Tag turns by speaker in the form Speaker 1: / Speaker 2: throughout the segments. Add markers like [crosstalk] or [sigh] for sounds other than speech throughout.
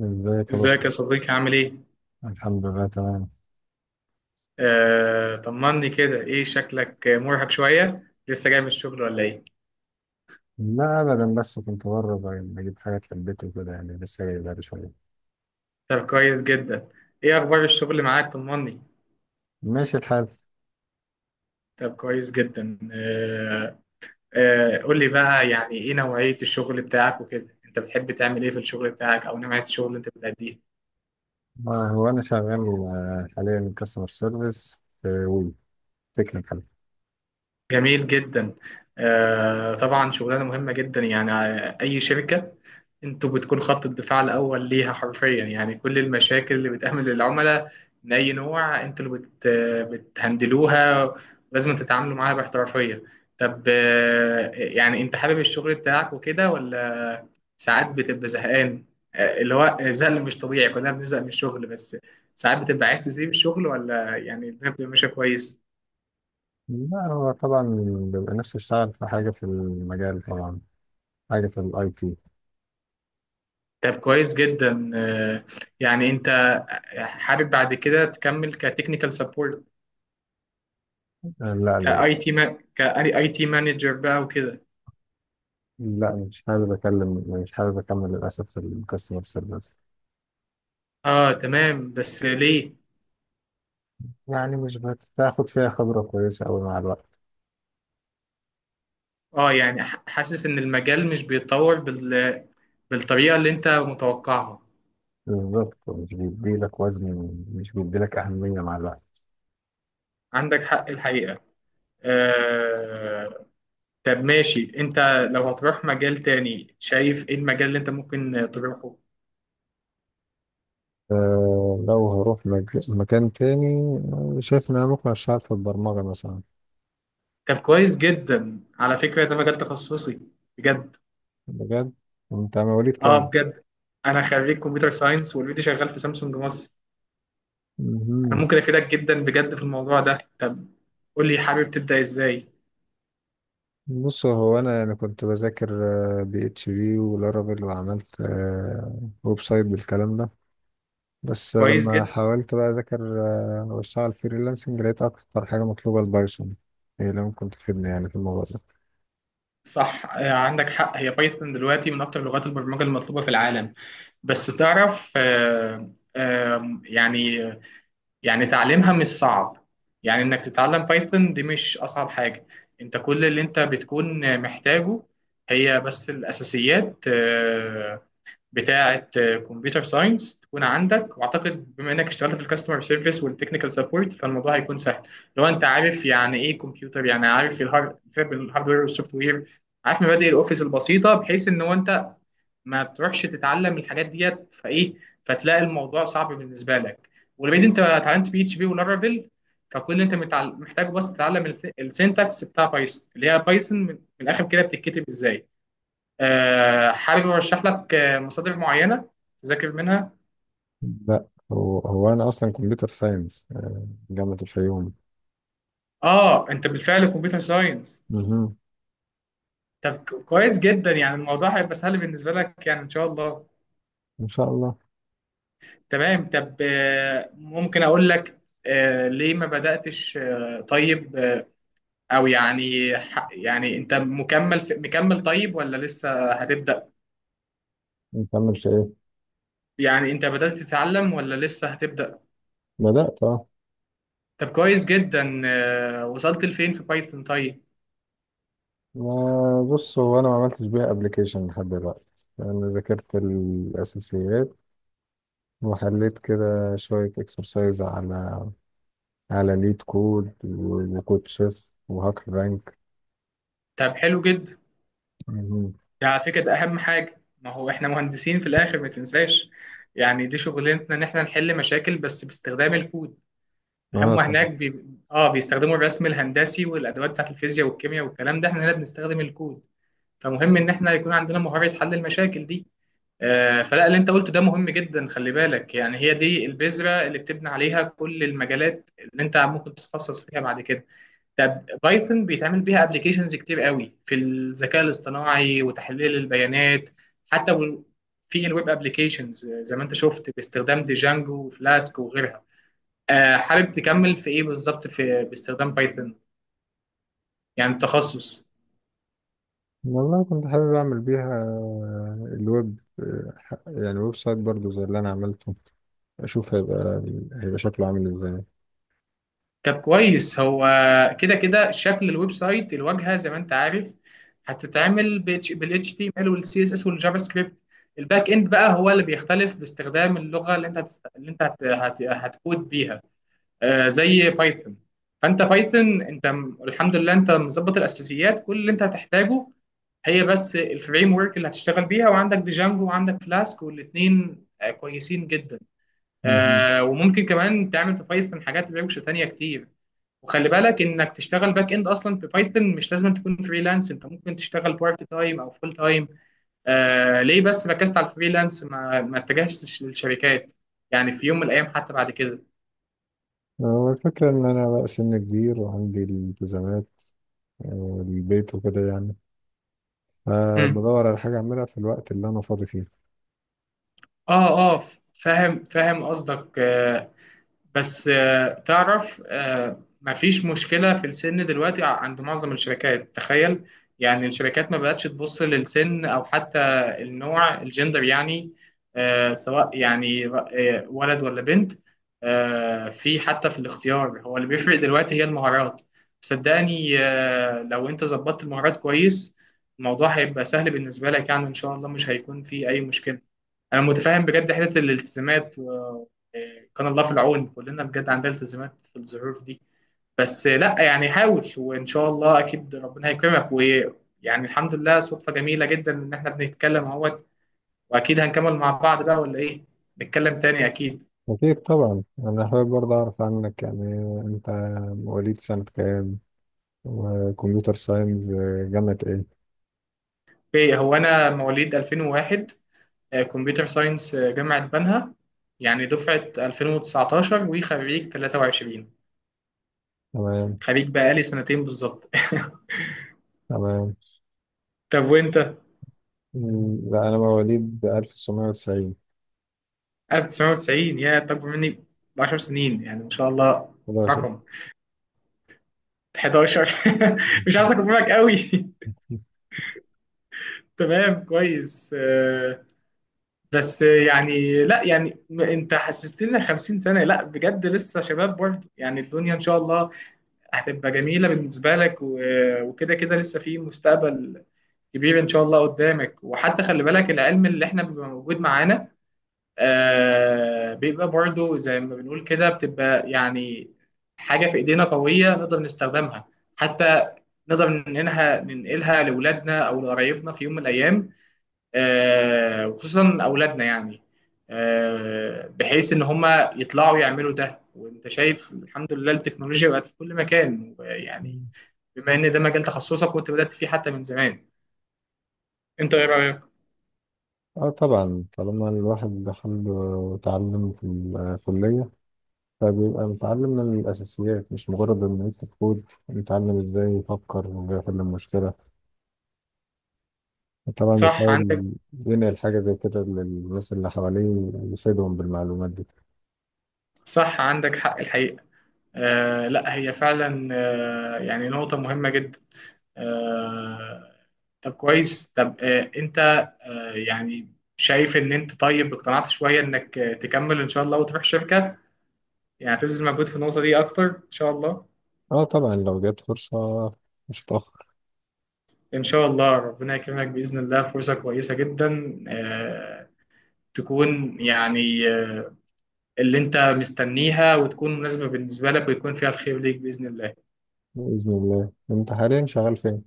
Speaker 1: ازيك يا بطل؟
Speaker 2: ازيك يا صديقي عامل ايه؟
Speaker 1: الحمد لله، تمام.
Speaker 2: طمني كده ايه شكلك مرهق شوية لسه جاي من الشغل ولا ايه؟
Speaker 1: لا ابدا، بس كنت بره، بجيب حاجات للبيت وكده، يعني لسه جاي بقالي شويه.
Speaker 2: طب كويس جدا. ايه اخبار الشغل معاك طمني.
Speaker 1: ماشي الحال.
Speaker 2: طب كويس جدا قول لي بقى ايه نوعية الشغل بتاعك وكده، انت بتحب تعمل ايه في الشغل بتاعك او نوعية الشغل اللي انت بتأديه؟
Speaker 1: هو انا شغال حاليا كاستمر سيرفيس في وي تكنيكال.
Speaker 2: جميل جدا. طبعا شغلانه مهمه جدا، اي شركه انتوا بتكون خط الدفاع الاول ليها حرفيا، يعني كل المشاكل اللي بتقابل للعملاء من اي نوع انتوا اللي بتهندلوها، لازم تتعاملوا معاها باحترافيه. طب يعني انت حابب الشغل بتاعك وكده ولا ساعات بتبقى زهقان؟ اللي هو الزهق مش طبيعي، كلنا بنزهق من الشغل، بس ساعات بتبقى عايز تسيب الشغل ولا يعني الدنيا بتبقى ماشيه كويس؟
Speaker 1: لا، هو طبعا بيبقى نفسي اشتغل في حاجه في المجال، طبعا حاجه في الاي تي.
Speaker 2: طب كويس جدا. يعني انت حابب بعد كده تكمل كتكنيكال سبورت،
Speaker 1: لا لا لا.
Speaker 2: كاي تي كاي تي مانجر بقى وكده؟
Speaker 1: لا، مش حابب اكمل للاسف في الكاستمر سيرفيس.
Speaker 2: اه تمام، بس ليه؟
Speaker 1: يعني مش بتاخد فيها خبره كويسه قوي مع الوقت.
Speaker 2: اه يعني حاسس ان المجال مش بيتطور بالطريقة اللي انت متوقعها.
Speaker 1: بالظبط، مش بيديلك وزن، مش بيديلك أهمية مع الوقت.
Speaker 2: عندك حق الحقيقة. آه... طب ماشي، انت لو هتروح مجال تاني شايف ايه المجال اللي انت ممكن تروحه؟
Speaker 1: أه، لو هروح مكان تاني، شايف إن أنا ممكن أشتغل في البرمجة مثلا.
Speaker 2: طب كويس جدا، على فكرة ده مجال تخصصي بجد.
Speaker 1: بجد. أنت مواليد
Speaker 2: اه
Speaker 1: كام؟
Speaker 2: بجد، انا خريج كمبيوتر ساينس والفيديو شغال في سامسونج مصر. انا
Speaker 1: مهم.
Speaker 2: ممكن افيدك جدا بجد في الموضوع ده. طب قول لي، حابب تبدا ازاي؟
Speaker 1: بص، هو أنا يعني كنت بذاكر بي اتش بي ولارافيل، وعملت ويب سايت بالكلام ده. بس
Speaker 2: كويس
Speaker 1: لما
Speaker 2: جدا.
Speaker 1: حاولت بقى أذاكر وأشتغل فريلانسنج، لقيت أكتر حاجة مطلوبة البايثون، هي اللي ممكن تفيدني يعني في الموضوع ده.
Speaker 2: صح، عندك حق، هي بايثون دلوقتي من اكتر لغات البرمجه المطلوبه في العالم. بس تعرف، يعني تعليمها مش صعب، يعني انك تتعلم بايثون دي مش اصعب حاجه. انت كل اللي انت بتكون محتاجه هي بس الاساسيات بتاعه كمبيوتر ساينس تكون عندك، واعتقد بما انك اشتغلت في الكاستمر سيرفيس والتكنيكال سبورت فالموضوع هيكون سهل. لو انت عارف يعني ايه كمبيوتر، يعني عارف الهاردوير والسوفت وير، عارف مبادئ الاوفيس البسيطه، بحيث ان هو انت ما بتروحش تتعلم الحاجات ديت فايه فتلاقي الموضوع صعب بالنسبه لك. ولبعيد انت اتعلمت بي اتش بي ولارافيل، فكل اللي انت محتاجه بس تتعلم السينتاكس بتاع بايثون، اللي هي بايثون من الاخر كده بتتكتب ازاي. حابب ارشح لك مصادر معينه تذاكر منها.
Speaker 1: لا، هو انا اصلا كمبيوتر ساينس جامعة الفيوم.
Speaker 2: اه انت بالفعل كمبيوتر ساينس.
Speaker 1: مهم.
Speaker 2: طب كويس جدا، يعني الموضوع هيبقى سهل بالنسبه لك يعني ان شاء الله.
Speaker 1: ان شاء الله.
Speaker 2: تمام. طب ممكن اقول لك ليه ما بداتش، او يعني يعني انت مكمل في مكمل طيب ولا لسه هتبدا؟
Speaker 1: نكمل في ايه؟
Speaker 2: يعني انت بدات تتعلم ولا لسه هتبدا؟
Speaker 1: بدأت، اه.
Speaker 2: طب كويس جدا. وصلت لفين في بايثون طيب؟
Speaker 1: ما- بص، هو انا ما عملتش بيها ابلكيشن لحد دلوقتي، انا ذاكرت الاساسيات، وحليت كده شوية اكسرسايز على ليد كود وكود شيف وهاكر رانك.
Speaker 2: طب حلو جدا،
Speaker 1: مهم.
Speaker 2: ده على فكرة ده أهم حاجة، ما هو إحنا مهندسين في الآخر ما تنساش، يعني دي شغلتنا، إن إحنا نحل مشاكل بس باستخدام الكود.
Speaker 1: اه
Speaker 2: هم
Speaker 1: طبعا.
Speaker 2: هناك بي... آه بيستخدموا الرسم الهندسي والأدوات بتاعت الفيزياء والكيمياء والكلام ده، إحنا هنا بنستخدم الكود. فمهم إن إحنا يكون عندنا مهارة حل المشاكل دي. آه، فلا اللي أنت قلته ده مهم جدا، خلي بالك، يعني هي دي البذرة اللي بتبني عليها كل المجالات اللي أنت ممكن تتخصص فيها بعد كده. طب بايثون بيتعمل بيها ابلكيشنز كتير قوي في الذكاء الاصطناعي وتحليل البيانات، حتى في الويب ابلكيشنز زي ما انت شفت باستخدام ديجانجو وفلاسك وغيرها. حابب تكمل في ايه بالظبط في باستخدام بايثون، يعني التخصص؟
Speaker 1: والله كنت حابب اعمل بيها الويب، يعني ويب سايت برضو زي اللي انا عملته، اشوف هيبقى شكله عامل ازاي.
Speaker 2: طب كويس، هو كده كده شكل الويب سايت، الواجهه زي ما انت عارف هتتعمل بالاتش تي ام ال والسي اس اس والجافا سكريبت، الباك اند بقى هو اللي بيختلف باستخدام اللغه اللي انت هتست... اللي انت هت... هت... هتكود بيها، زي بايثون. فانت بايثون، انت الحمد لله انت مظبط الاساسيات، كل اللي انت هتحتاجه هي بس الفريم ورك اللي هتشتغل بيها، وعندك ديجانجو وعندك فلاسك والاثنين كويسين جدا.
Speaker 1: مهم.
Speaker 2: وممكن كمان تعمل في بايثون حاجات روشه تانية كتير. وخلي بالك انك تشتغل باك اند اصلا ببايثون، مش لازم تكون فريلانس، انت ممكن تشتغل بارت تايم او فول تايم. آه ليه بس ركزت على الفريلانس، ما اتجهتش للشركات يعني في يوم من الايام حتى بعد كده؟
Speaker 1: هو الفكرة ان انا بقى سن كبير، وعندي الالتزامات والبيت وكده، يعني
Speaker 2: مم.
Speaker 1: فبدور على حاجة اعملها في الوقت اللي انا فاضي فيه.
Speaker 2: اه، اه فاهم قصدك. آه، بس آه، تعرف، مفيش مشكلة في السن دلوقتي عند معظم الشركات، تخيل. يعني الشركات ما بقتش تبص للسن او حتى النوع، الجندر يعني، سواء يعني ولد ولا بنت. في حتى في الاختيار، هو اللي بيفرق دلوقتي هي المهارات. صدقني، لو انت ظبطت المهارات كويس، الموضوع هيبقى سهل بالنسبة لك يعني ان شاء الله، مش هيكون في اي مشكلة. انا متفاهم بجد حته الالتزامات كان الله في العون، كلنا بجد عندنا التزامات في الظروف دي. بس لا يعني حاول، وان شاء الله اكيد ربنا هيكرمك، ويعني الحمد لله صدفه جميله جدا ان احنا بنتكلم اهوت، واكيد هنكمل مع بعض بقى ولا ايه؟ نتكلم تاني اكيد.
Speaker 1: اكيد طبعا، انا حابب برضه اعرف عنك، يعني انت مواليد سنة كام، وكمبيوتر ساينس جامعة ايه؟
Speaker 2: اوكي، هو انا مواليد 2001، كمبيوتر ساينس جامعه بنها، يعني دفعه 2019 وخريج 23.
Speaker 1: تمام.
Speaker 2: خريج بقالي سنتين بالظبط [laughs]
Speaker 1: تمام.
Speaker 2: طب وانت؟
Speaker 1: لا انا مواليد 1990.
Speaker 2: 1990؟ يا انت اكبر مني ب 10 سنين يعني ما شاء الله.
Speaker 1: 11.
Speaker 2: رقم 11 [laughs] مش عايز اكبر منك قوي [laughs] تمام كويس. بس يعني لا يعني انت حسستني إن 50 سنة، لا بجد لسه شباب برضه، يعني الدنيا ان شاء الله هتبقى جميلة بالنسبة لك، وكده كده لسه في مستقبل كبير ان شاء الله قدامك. وحتى خلي بالك العلم اللي احنا بيبقى موجود معانا، آه بيبقى برضو زي ما بنقول كده بتبقى يعني حاجة في إيدينا قوية نقدر نستخدمها، حتى نقدر ننقلها لأولادنا أو لقرايبنا في يوم من الأيام، آه وخصوصا أولادنا يعني، آه بحيث إن هما يطلعوا يعملوا ده. وأنت شايف الحمد لله التكنولوجيا بقت في كل مكان يعني،
Speaker 1: [laughs]
Speaker 2: بما إن ده مجال تخصصك وأنت بدأت فيه حتى من زمان، أنت إيه رأيك؟
Speaker 1: اه طبعا، طالما الواحد دخل وتعلم في الكلية، فبيبقى متعلم من الأساسيات، مش مجرد إن يكتب كود، متعلم إزاي يفكر ويحل المشكلة. طبعا
Speaker 2: صح عندك.
Speaker 1: بيحاول ينقل حاجة زي كده للناس اللي حواليه، يفيدهم بالمعلومات دي.
Speaker 2: صح عندك حق الحقيقة. آه لا هي فعلا آه يعني نقطة مهمة جدا. آه طب كويس. طب آه انت آه، يعني شايف ان انت طيب اقتنعت شوية انك تكمل ان شاء الله وتروح شركة، يعني هتبذل مجهود في النقطة دي اكتر ان شاء الله.
Speaker 1: اه طبعا، لو جت فرصة مش هتأخر.
Speaker 2: ان شاء الله ربنا يكرمك بإذن الله، فرصة كويسة جدا تكون يعني اللي انت مستنيها وتكون مناسبة بالنسبة لك ويكون فيها الخير ليك بإذن الله.
Speaker 1: بإذن الله. أنت حاليا شغال فين؟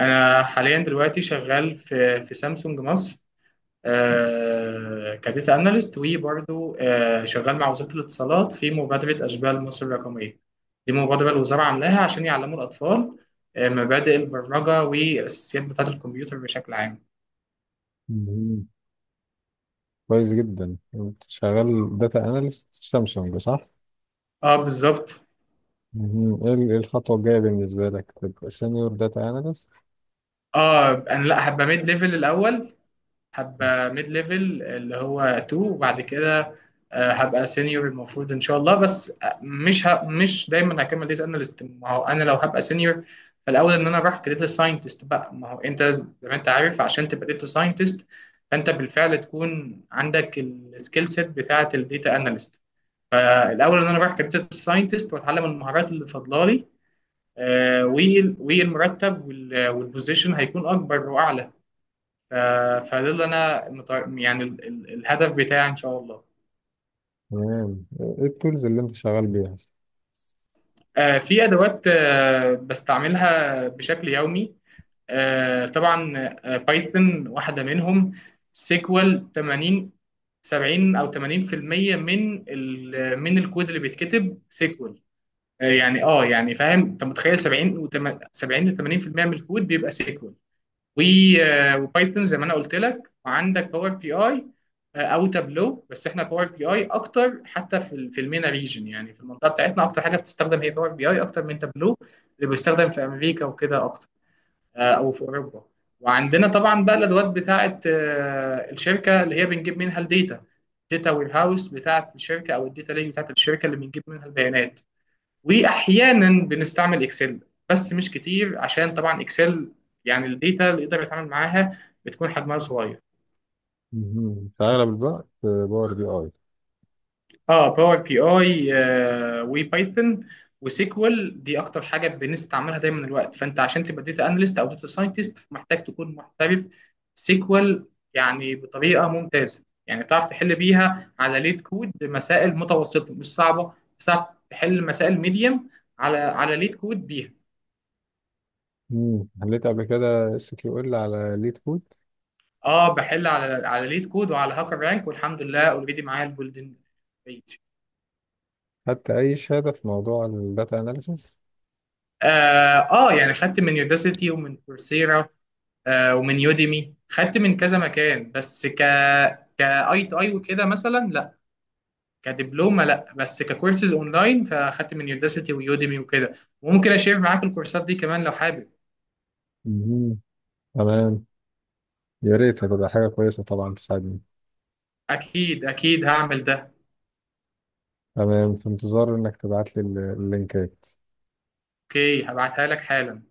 Speaker 2: انا حاليا دلوقتي شغال في في سامسونج مصر، كداتا اناليست، وبرضه شغال مع وزاره الاتصالات في مبادره اشبال مصر الرقميه. دي مبادره الوزاره عاملاها عشان يعلموا الاطفال مبادئ البرمجه والاساسيات بتاعه الكمبيوتر بشكل عام.
Speaker 1: مهم. كويس جدا. أنت شغال داتا أناليست في سامسونج، صح؟
Speaker 2: اه بالظبط.
Speaker 1: مهم. إيه الخطوة الجاية بالنسبة لك؟ تبقى سينيور داتا أناليست؟
Speaker 2: اه انا لا هبقى ميد ليفل الاول، هابقى ميد ليفل اللي هو 2، وبعد كده هبقى سينيور المفروض ان شاء الله. بس مش دايما هكمل داتا اناليست، ما هو انا لو هبقى سينيور فالاول ان انا اروح كداتا ساينتست بقى. ما هو انت زي ما انت عارف، عشان تبقى داتا ساينتست فانت بالفعل تكون عندك السكيل سيت بتاعه الداتا اناليست، فالاول ان انا اروح كداتا ساينتست واتعلم المهارات اللي فاضله لي، والمرتب والبوزيشن هيكون اكبر واعلى. ف- فده اللي انا مت- يعني ال- ال- الهدف بتاعي ان شاء الله.
Speaker 1: تمام. ايه التولز اللي انت شغال بيها؟
Speaker 2: في ادوات بستعملها بشكل يومي، طبعا بايثون واحده منهم. سيكوال، 80، 70 او 80% من من الكود اللي بيتكتب سيكوال، فاهم انت متخيل؟ 70 و 70 ل 80% من الكود بيبقى سيكوال. وبايثون زي ما انا قلت لك، وعندك باور بي اي او تابلو، بس احنا باور بي اي اكتر، حتى في في المينا ريجن يعني في المنطقه بتاعتنا اكتر حاجه بتستخدم هي باور بي اي اكتر من تابلو اللي بيستخدم في امريكا وكده اكتر، او في اوروبا. وعندنا طبعا بقى الادوات بتاعه الشركه اللي هي بنجيب منها الداتا، داتا وير هاوس بتاعه الشركه او الداتا ليك بتاعه الشركه اللي بنجيب منها البيانات. واحيانا بنستعمل اكسل بس مش كتير، عشان طبعا اكسل يعني الداتا اللي يقدر يتعامل معاها بتكون حجمها صغير.
Speaker 1: مهم. في اغلب الوقت باور بي اي.
Speaker 2: اه باور بي اي وبايثون وسيكوال دي اكتر حاجه بنستعملها دايما الوقت. فانت عشان تبقى داتا اناليست او داتا ساينتست محتاج تكون محترف سيكوال، يعني بطريقه ممتازه يعني بتعرف تحل بيها على ليت كود مسائل متوسطه مش صعبه، بتعرف تحل مسائل ميديم على ليت كود بيها.
Speaker 1: مم. حليت قبل كده اس كيو ال على ليد كود.
Speaker 2: اه بحل على ليد كود وعلى هاكر رانك، والحمد لله اوريدي معايا الجولدن بيج.
Speaker 1: حتى اي شهاده في موضوع الداتا اناليسيس؟
Speaker 2: آه، اه يعني خدت من يوداسيتي ومن كورسيرا، آه ومن يوديمي، خدت من كذا مكان. بس كاي تو اي وكده مثلا لا، كدبلومه لا، بس ككورسز اونلاين فاخدت من يوداسيتي ويوديمي وكده. وممكن اشير معاك الكورسات دي كمان لو حابب.
Speaker 1: مهم. تمام. يا ريت، هتبقى حاجه كويسه طبعا تساعدني.
Speaker 2: اكيد اكيد هعمل ده.
Speaker 1: تمام، في انتظار انك تبعت لي اللينكات.
Speaker 2: اوكي هبعتها لك حالا.